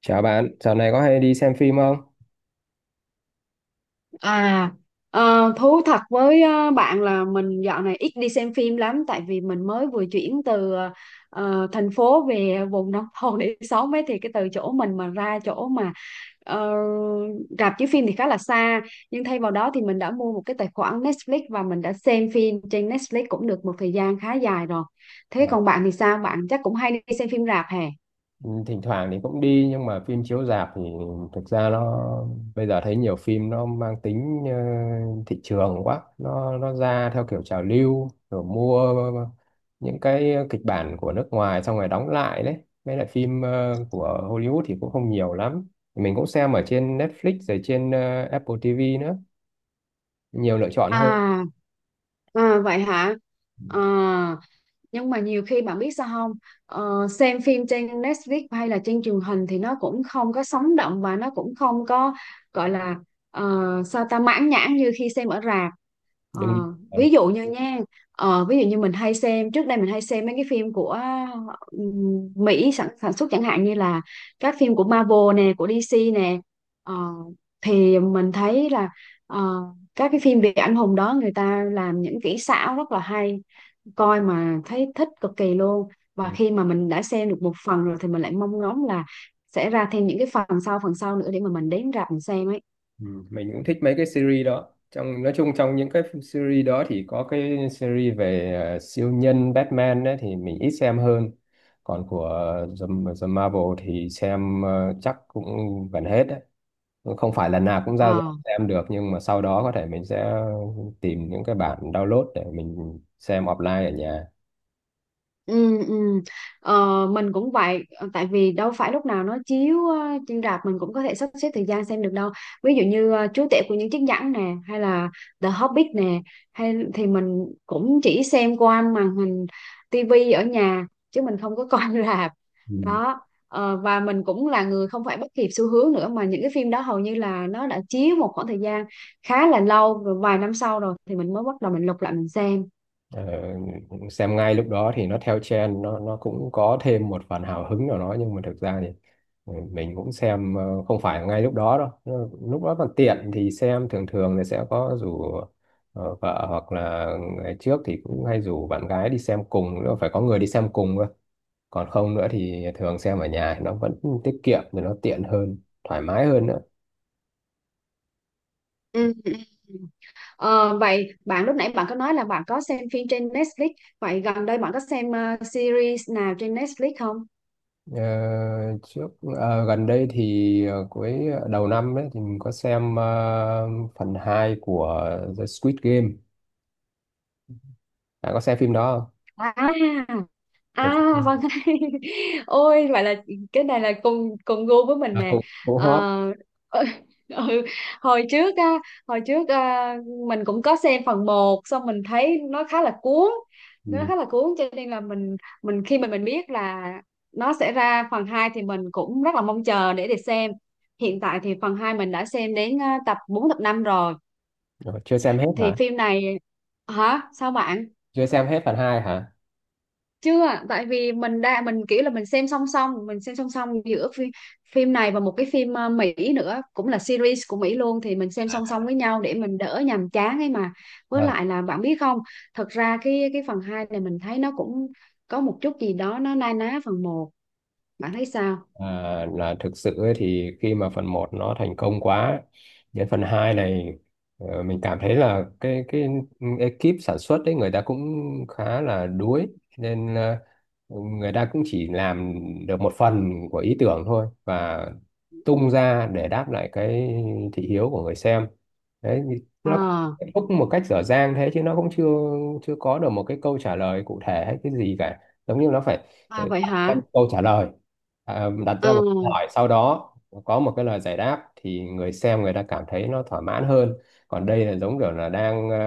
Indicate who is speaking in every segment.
Speaker 1: Chào bạn, dạo này có hay đi xem phim không?
Speaker 2: À, thú thật với bạn là mình dạo này ít đi xem phim lắm tại vì mình mới vừa chuyển từ thành phố về vùng nông thôn để sống ấy, thì cái từ chỗ mình mà ra chỗ mà ờ, rạp chiếu phim thì khá là xa. Nhưng thay vào đó thì mình đã mua một cái tài khoản Netflix và mình đã xem phim trên Netflix cũng được một thời gian khá dài rồi. Thế
Speaker 1: À.
Speaker 2: còn bạn thì sao? Bạn chắc cũng hay đi xem phim rạp hè?
Speaker 1: ừ, Thỉnh thoảng thì cũng đi nhưng mà phim chiếu rạp thì thực ra nó bây giờ thấy nhiều phim nó mang tính thị trường quá, nó ra theo kiểu trào lưu, rồi mua những cái kịch bản của nước ngoài xong rồi đóng lại đấy. Với lại phim của Hollywood thì cũng không nhiều lắm. Mình cũng xem ở trên Netflix rồi trên Apple TV nữa, nhiều lựa chọn hơn.
Speaker 2: À, à vậy hả? À, nhưng mà nhiều khi bạn biết sao không, xem phim trên Netflix hay là trên truyền hình thì nó cũng không có sống động và nó cũng không có gọi là ờ, sao ta, mãn nhãn như khi xem ở rạp. Ờ,
Speaker 1: Đừng đi. Ờ.
Speaker 2: ví dụ như nha, ví dụ như mình hay xem, trước đây mình hay xem mấy cái phim của Mỹ sản xuất, chẳng hạn như là các phim của Marvel nè, của DC nè. Ờ, thì mình thấy là ờ, các cái phim về anh hùng đó người ta làm những kỹ xảo rất là hay, coi mà thấy thích cực kỳ luôn.
Speaker 1: Ừ.
Speaker 2: Và khi mà mình đã xem được một phần rồi thì mình lại mong ngóng là sẽ ra thêm những cái phần sau, phần sau nữa để mà mình đến rạp mình xem ấy.
Speaker 1: Ừ, mình cũng thích mấy cái series đó, trong nói chung trong những cái series đó thì có cái series về siêu nhân Batman ấy, thì mình ít xem hơn, còn của The, The Marvel thì xem chắc cũng gần hết đấy. Cũng không phải là nào cũng
Speaker 2: Ờ.
Speaker 1: ra ra xem được, nhưng mà sau đó có thể mình sẽ tìm những cái bản download để mình xem offline ở nhà.
Speaker 2: Ừ, ừ. Ờ, mình cũng vậy. Ờ, Tại vì đâu phải lúc nào nó chiếu trên rạp mình cũng có thể sắp xếp thời gian xem được đâu. Ví dụ như Chúa Tể của những chiếc nhẫn nè, hay là The Hobbit nè, hay, thì mình cũng chỉ xem qua màn hình tivi ở nhà chứ mình không có coi rạp
Speaker 1: Ừ.
Speaker 2: đó. Ờ, và mình cũng là người không phải bắt kịp xu hướng nữa, mà những cái phim đó hầu như là nó đã chiếu một khoảng thời gian khá là lâu rồi, vài năm sau rồi thì mình mới bắt đầu mình lục lại mình xem.
Speaker 1: Ờ, xem ngay lúc đó thì nó theo trend, nó cũng có thêm một phần hào hứng nào đó, nhưng mà thực ra thì ừ, mình cũng xem không phải ngay lúc đó đâu. Nó- lúc đó còn tiện thì xem, thường thường thì sẽ có rủ vợ, hoặc là ngày trước thì cũng hay rủ bạn gái đi xem cùng nữa, phải có người đi xem cùng cơ. Còn không nữa thì thường xem ở nhà, nó vẫn tiết kiệm thì nó tiện hơn, thoải mái hơn nữa.
Speaker 2: Ừ, ừ. Ờ, vậy bạn lúc nãy bạn có nói là bạn có xem phim trên Netflix. Vậy gần đây bạn có xem series nào trên Netflix không?
Speaker 1: Ờ, trước Gần đây thì ờ, cuối đầu năm ấy, thì mình có xem phần 2 của The Squid Game. Bạn có xem phim đó không?
Speaker 2: À.
Speaker 1: Trời,
Speaker 2: À,
Speaker 1: ừ.
Speaker 2: vâng. Ôi, vậy là cái này là cùng cùng gu với mình
Speaker 1: À,
Speaker 2: nè.
Speaker 1: cũng cũng hot.
Speaker 2: Ờ, ừ, ừ, hồi trước á hồi trước, à, mình cũng có xem phần một xong mình thấy nó khá là cuốn, nó
Speaker 1: Ừ.
Speaker 2: khá là cuốn cho nên là mình, khi mà mình biết là nó sẽ ra phần 2 thì mình cũng rất là mong chờ để xem. Hiện tại thì phần 2 mình đã xem đến tập 4 tập 5 rồi,
Speaker 1: Ờ, chưa xem hết
Speaker 2: thì
Speaker 1: hả?
Speaker 2: phim này, hả, sao bạn?
Speaker 1: Chưa xem hết phần hai hả?
Speaker 2: Chưa, tại vì mình kiểu là mình xem song song, giữa phim này và một cái phim Mỹ nữa, cũng là series của Mỹ luôn, thì mình xem song song với nhau để mình đỡ nhàm chán ấy mà. Với lại là bạn biết không, thật ra cái phần 2 này mình thấy nó cũng có một chút gì đó nó na ná phần một, bạn thấy sao?
Speaker 1: À, là thực sự ấy, thì khi mà phần một nó thành công quá, đến phần 2 này mình cảm thấy là cái ekip sản xuất ấy, người ta cũng khá là đuối, nên người ta cũng chỉ làm được một phần của ý tưởng thôi, và tung ra để đáp lại cái thị hiếu của người xem đấy, thì nó
Speaker 2: À,
Speaker 1: kết thúc một cách dở dang thế, chứ nó cũng chưa chưa có được một cái câu trả lời cụ thể hay cái gì cả. Giống như nó phải
Speaker 2: à
Speaker 1: để
Speaker 2: vậy
Speaker 1: xem
Speaker 2: hả?
Speaker 1: câu trả lời, à, đặt
Speaker 2: À.
Speaker 1: ra một câu hỏi sau đó có một cái lời giải đáp thì người xem người ta cảm thấy nó thỏa mãn hơn. Còn đây là giống kiểu là đang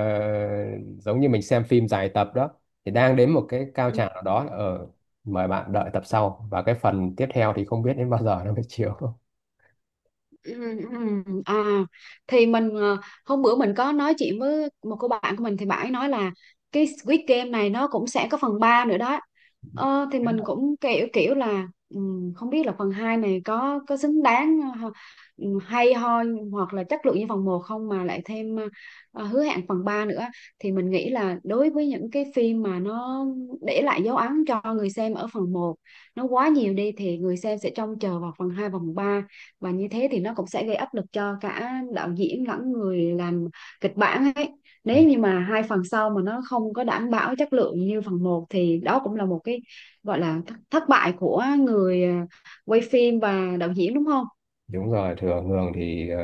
Speaker 1: giống như mình xem phim dài tập đó, thì đang đến một cái cao trào nào đó ở, mời bạn đợi tập sau, và cái phần tiếp theo thì không biết đến bao giờ nó mới chiếu.
Speaker 2: Ừ, ừ, à, thì mình, hôm bữa mình có nói chuyện với một cô bạn của mình thì bạn ấy nói là cái Squid Game này nó cũng sẽ có phần 3 nữa đó. Thì mình cũng kiểu, là, không biết là phần 2 này có xứng đáng hay ho hoặc là chất lượng như phần một không, mà lại thêm hứa hẹn phần 3 nữa. Thì mình nghĩ là đối với những cái phim mà nó để lại dấu ấn cho người xem ở phần một nó quá nhiều đi, thì người xem sẽ trông chờ vào phần 2 và phần ba, và như thế thì nó cũng sẽ gây áp lực cho cả đạo diễn lẫn người làm kịch bản ấy. Nếu như mà hai phần sau mà nó không có đảm bảo chất lượng như phần một thì đó cũng là một cái gọi là thất bại của người, quay phim và đạo diễn, đúng không?
Speaker 1: Đúng rồi, thừa hưởng thì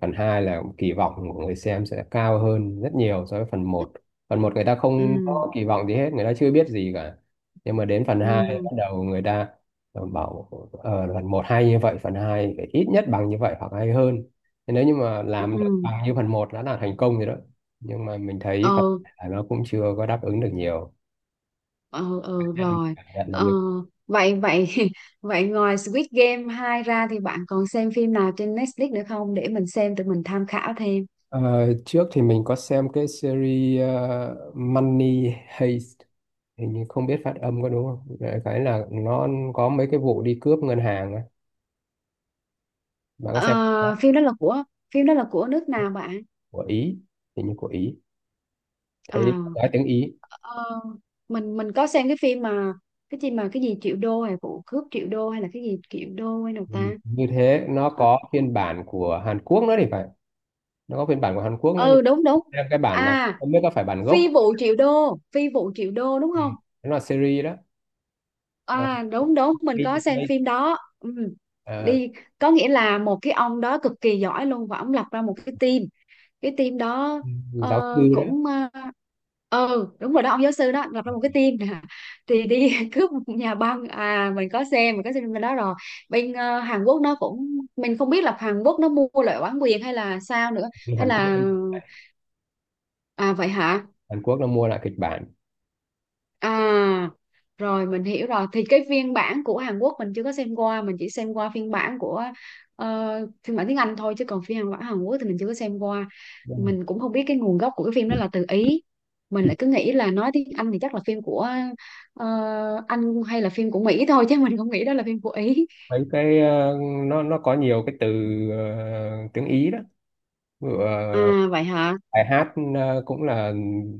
Speaker 1: phần 2 là kỳ vọng của người xem sẽ cao hơn rất nhiều so với phần một. Phần một người ta không
Speaker 2: Ừ,
Speaker 1: có kỳ vọng gì hết, người ta chưa biết gì cả. Nhưng mà đến phần 2
Speaker 2: ừ,
Speaker 1: bắt đầu người ta bảo phần một hay như vậy, phần 2 phải ít nhất bằng như vậy hoặc hay hơn. Thế nếu như mà làm được
Speaker 2: ừ,
Speaker 1: bằng như phần một đã là thành công rồi đó. Nhưng mà mình thấy phần
Speaker 2: ừ,
Speaker 1: hai nó cũng chưa có đáp ứng được nhiều.
Speaker 2: ừ, ừ
Speaker 1: Nên
Speaker 2: rồi.
Speaker 1: cảm nhận là
Speaker 2: ờ,
Speaker 1: như
Speaker 2: vậy vậy vậy ngoài Squid Game 2 ra thì bạn còn xem phim nào trên Netflix nữa không để mình xem, tụi mình tham khảo thêm.
Speaker 1: Ờ, trước thì mình có xem cái series Money Heist, hình như không biết phát âm có đúng không. Đại cái là nó có mấy cái vụ đi cướp ngân hàng á, mà có xem
Speaker 2: Ờ, phim đó là của nước nào bạn?
Speaker 1: của Ý, hình như của Ý,
Speaker 2: À,
Speaker 1: thấy nói tiếng Ý.
Speaker 2: ờ, mình có xem cái phim mà cái gì mà, cái gì triệu đô hay vụ cướp triệu đô hay là cái gì triệu đô hay nào
Speaker 1: Ừ.
Speaker 2: ta?
Speaker 1: Như thế nó
Speaker 2: Ờ.
Speaker 1: có phiên bản của Hàn Quốc nữa thì phải, nó có phiên bản của Hàn Quốc nữa, nhưng
Speaker 2: Ừ, đúng đúng.
Speaker 1: xem cái bản này
Speaker 2: À,
Speaker 1: không biết có phải bản gốc
Speaker 2: phi
Speaker 1: không.
Speaker 2: vụ triệu đô, phi vụ triệu đô đúng
Speaker 1: Ừ.
Speaker 2: không?
Speaker 1: Nó là series đó. Ờ,
Speaker 2: À đúng đúng, mình
Speaker 1: đi
Speaker 2: có xem
Speaker 1: thuê,
Speaker 2: phim đó. Ừ.
Speaker 1: ờ,
Speaker 2: Đi, có nghĩa là một cái ông đó cực kỳ giỏi luôn, và ông lập ra một cái team, cái team đó
Speaker 1: giáo sư
Speaker 2: ờ,
Speaker 1: đó,
Speaker 2: cũng ừ, đúng rồi đó, ông giáo sư đó lập ra một cái team nè, thì đi cướp một nhà băng. À, mình có xem bên đó rồi, bên Hàn Quốc nó cũng, mình không biết là Hàn Quốc nó mua lại bản quyền hay là sao nữa,
Speaker 1: đi
Speaker 2: hay
Speaker 1: Hàn Quốc,
Speaker 2: là, à vậy hả?
Speaker 1: Hàn Quốc nó mua lại kịch bản.
Speaker 2: À, rồi mình hiểu rồi. Thì cái phiên bản của Hàn Quốc mình chưa có xem qua, mình chỉ xem qua phiên bản của, ờ, phiên bản tiếng Anh thôi, chứ còn phiên bản Hàn Quốc thì mình chưa có xem qua. Mình cũng không biết cái nguồn gốc của cái phim
Speaker 1: Ừ.
Speaker 2: đó là từ Ý. Mình lại cứ nghĩ là nói tiếng Anh thì chắc là phim của ờ, Anh hay là phim của Mỹ thôi, chứ mình không nghĩ đó là phim của Ý.
Speaker 1: Mấy cái nó có nhiều cái từ tiếng Ý đó. Ví dụ,
Speaker 2: À
Speaker 1: ờ,
Speaker 2: vậy hả?
Speaker 1: bài hát cũng là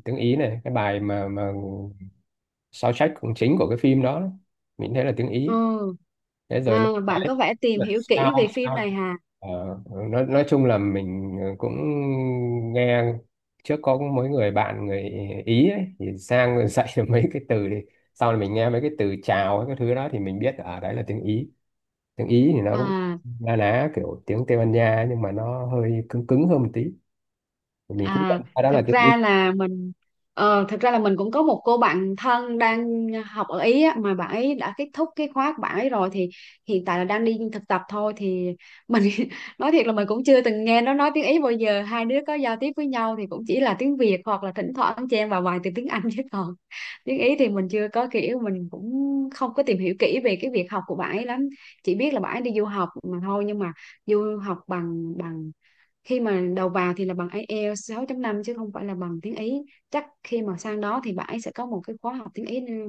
Speaker 1: tiếng Ý này, cái bài mà soundtrack cũng chính của cái phim đó, mình thấy là tiếng Ý,
Speaker 2: Ừ.
Speaker 1: thế rồi nó
Speaker 2: À, bạn
Speaker 1: nói
Speaker 2: có vẻ tìm
Speaker 1: là
Speaker 2: hiểu
Speaker 1: sao
Speaker 2: kỹ về phim
Speaker 1: sao
Speaker 2: này hả?
Speaker 1: Ờ, nói chung là mình cũng nghe trước có mấy người bạn người Ý ấy, thì sang rồi dạy được mấy cái từ, thì sau là mình nghe mấy cái từ chào cái thứ đó thì mình biết ở đấy là tiếng Ý. Tiếng Ý thì nó cũng
Speaker 2: À.
Speaker 1: na ná kiểu tiếng Tây Ban Nha, nhưng mà nó hơi cứng cứng hơn một tí, mình cũng cảm
Speaker 2: À,
Speaker 1: thấy đó là
Speaker 2: thật
Speaker 1: tiếng Ý.
Speaker 2: ra là mình, cũng có một cô bạn thân đang học ở Ý á, mà bạn ấy đã kết thúc cái khóa của bạn ấy rồi, thì hiện tại là đang đi thực tập thôi. Thì mình nói thiệt là mình cũng chưa từng nghe nó nói tiếng Ý bao giờ, hai đứa có giao tiếp với nhau thì cũng chỉ là tiếng Việt hoặc là thỉnh thoảng chen vào vài từ tiếng Anh chứ còn tiếng Ý thì mình chưa có, kiểu mình cũng không có tìm hiểu kỹ về cái việc học của bạn ấy lắm, chỉ biết là bạn ấy đi du học mà thôi. Nhưng mà du học bằng bằng, khi mà đầu vào thì là bằng IELTS 6.5 chứ không phải là bằng tiếng Ý. Chắc khi mà sang đó thì bạn ấy sẽ có một cái khóa học tiếng Ý nữa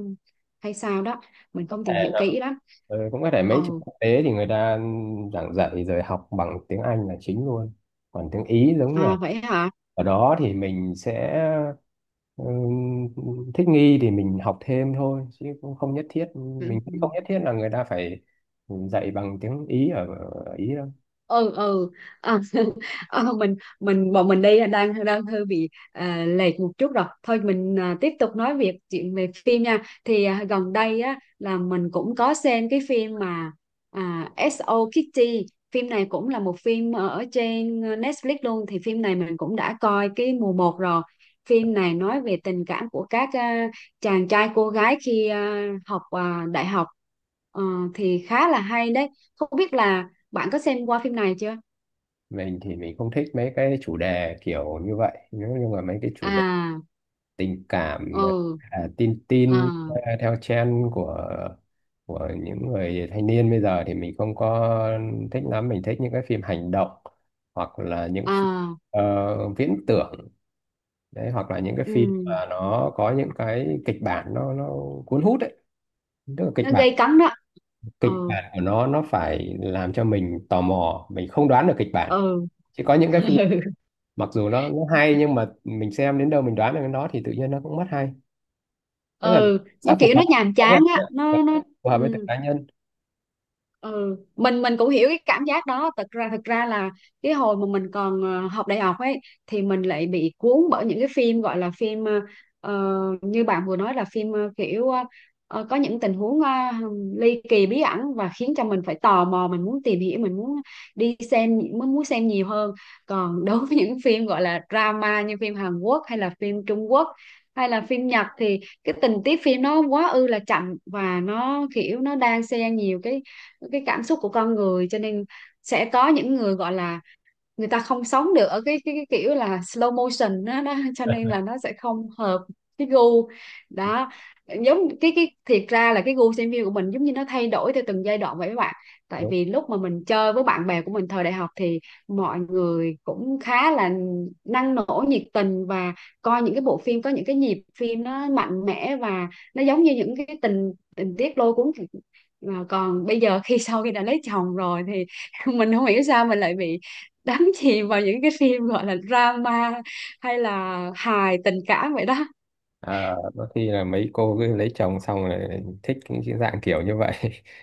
Speaker 2: hay sao đó, mình
Speaker 1: Có
Speaker 2: không
Speaker 1: thể
Speaker 2: tìm hiểu
Speaker 1: là-
Speaker 2: kỹ lắm.
Speaker 1: ừ, cũng có thể mấy trường
Speaker 2: Ồ,
Speaker 1: quốc tế thì người ta giảng dạy rồi học bằng tiếng Anh là chính luôn, còn tiếng Ý giống là
Speaker 2: à vậy hả?
Speaker 1: ở đó thì mình sẽ ừ, thích nghi thì mình học thêm thôi chứ cũng không nhất thiết.
Speaker 2: Ừ.
Speaker 1: Mình
Speaker 2: Ừ.
Speaker 1: cũng không nhất thiết là người ta phải dạy bằng tiếng Ý ở Ý đâu.
Speaker 2: Ừ, ừ. À, mình bọn mình đang, hơi bị lệch một chút rồi, thôi mình tiếp tục nói chuyện về phim nha. Thì gần đây á là mình cũng có xem cái phim mà, S.O. Kitty. Phim này cũng là một phim ở trên Netflix luôn, thì phim này mình cũng đã coi cái mùa một rồi. Phim này nói về tình cảm của các chàng trai cô gái khi học đại học. Ờ, thì khá là hay đấy, không biết là bạn có xem qua phim này chưa?
Speaker 1: Mình thì mình không thích mấy cái chủ đề kiểu như vậy, nếu như mà mấy cái chủ đề
Speaker 2: À,
Speaker 1: tình cảm,
Speaker 2: ừ,
Speaker 1: à, tin
Speaker 2: à,
Speaker 1: tin, à, theo trend của những người thanh niên bây giờ thì mình không có thích lắm. Mình thích những cái phim hành động, hoặc là những phi-
Speaker 2: à,
Speaker 1: ờ, viễn tưởng đấy, hoặc là những cái phim
Speaker 2: ừ,
Speaker 1: mà nó có những cái kịch bản nó cuốn hút đấy. Tức là kịch
Speaker 2: nó
Speaker 1: bản
Speaker 2: gây cấn đó.
Speaker 1: kịch
Speaker 2: Ừ,
Speaker 1: bản của nó phải làm cho mình tò mò, mình không đoán được kịch bản.
Speaker 2: ừ,
Speaker 1: Chứ có những cái phim
Speaker 2: ừ,
Speaker 1: mặc dù nó hay, nhưng mà mình xem đến đâu mình đoán được cái đó thì tự nhiên nó cũng mất hay. Tức là
Speaker 2: ừ, nó
Speaker 1: sao phù
Speaker 2: kiểu
Speaker 1: hợp
Speaker 2: nó
Speaker 1: với
Speaker 2: nhàm
Speaker 1: cá nhân
Speaker 2: chán á,
Speaker 1: á,
Speaker 2: nó
Speaker 1: phù hợp với từng
Speaker 2: ừ.
Speaker 1: cá nhân.
Speaker 2: Ừ, mình cũng hiểu cái cảm giác đó, thật ra, là cái hồi mà mình còn học đại học ấy, thì mình lại bị cuốn bởi những cái phim gọi là phim, như bạn vừa nói là phim kiểu có những tình huống ly kỳ bí ẩn, và khiến cho mình phải tò mò, mình muốn tìm hiểu, mình muốn đi xem, muốn muốn xem nhiều hơn. Còn đối với những phim gọi là drama như phim Hàn Quốc hay là phim Trung Quốc hay là phim Nhật thì cái tình tiết phim nó quá ư là chậm, và nó kiểu nó đang xen nhiều cái cảm xúc của con người, cho nên sẽ có những người gọi là, người ta không sống được ở cái, kiểu là slow motion đó, đó cho nên là nó sẽ không hợp cái gu đó. Giống cái, thiệt ra là cái gu xem phim của mình giống như nó thay đổi theo từng giai đoạn vậy các bạn. Tại
Speaker 1: Đúng.
Speaker 2: vì lúc mà mình chơi với bạn bè của mình thời đại học thì mọi người cũng khá là năng nổ, nhiệt tình, và coi những cái bộ phim có những cái nhịp phim nó mạnh mẽ và nó giống như những cái tình tình tiết lôi cuốn. Mà còn bây giờ, khi sau khi đã lấy chồng rồi thì mình không hiểu sao mình lại bị đắm chìm vào những cái phim gọi là drama hay là hài tình cảm vậy đó.
Speaker 1: À, đôi khi là mấy cô cứ lấy chồng xong rồi thích những cái dạng kiểu như vậy.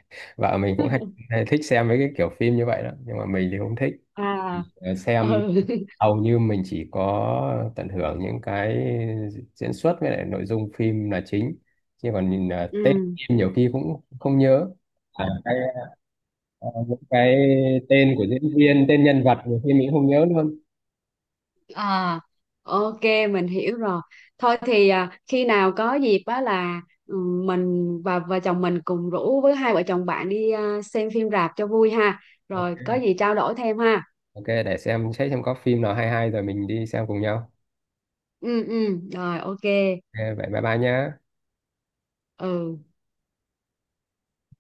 Speaker 1: Vợ mình cũng hay thích xem mấy cái kiểu phim như vậy đó, nhưng mà mình thì không thích.
Speaker 2: À.
Speaker 1: Ờ, xem
Speaker 2: Ừ.
Speaker 1: hầu như mình chỉ có tận hưởng những cái diễn xuất với lại nội dung phim là chính, chứ còn nhìn à, tên
Speaker 2: Ừ.
Speaker 1: phim nhiều khi cũng không nhớ. À, cái, à, những cái tên của diễn viên, tên nhân vật, nhiều khi mình cũng không nhớ luôn.
Speaker 2: À, ok, mình hiểu rồi. Thôi thì khi nào có dịp á là, ừ, mình và vợ chồng mình cùng rủ với hai vợ chồng bạn đi xem phim rạp cho vui ha,
Speaker 1: Ok.
Speaker 2: rồi có gì trao đổi thêm ha.
Speaker 1: Ok, để xem xét xem có phim nào hay hay rồi mình đi xem cùng nhau.
Speaker 2: Ừ, ừ rồi, ok.
Speaker 1: Ok, vậy bye bye nhé.
Speaker 2: Ừ.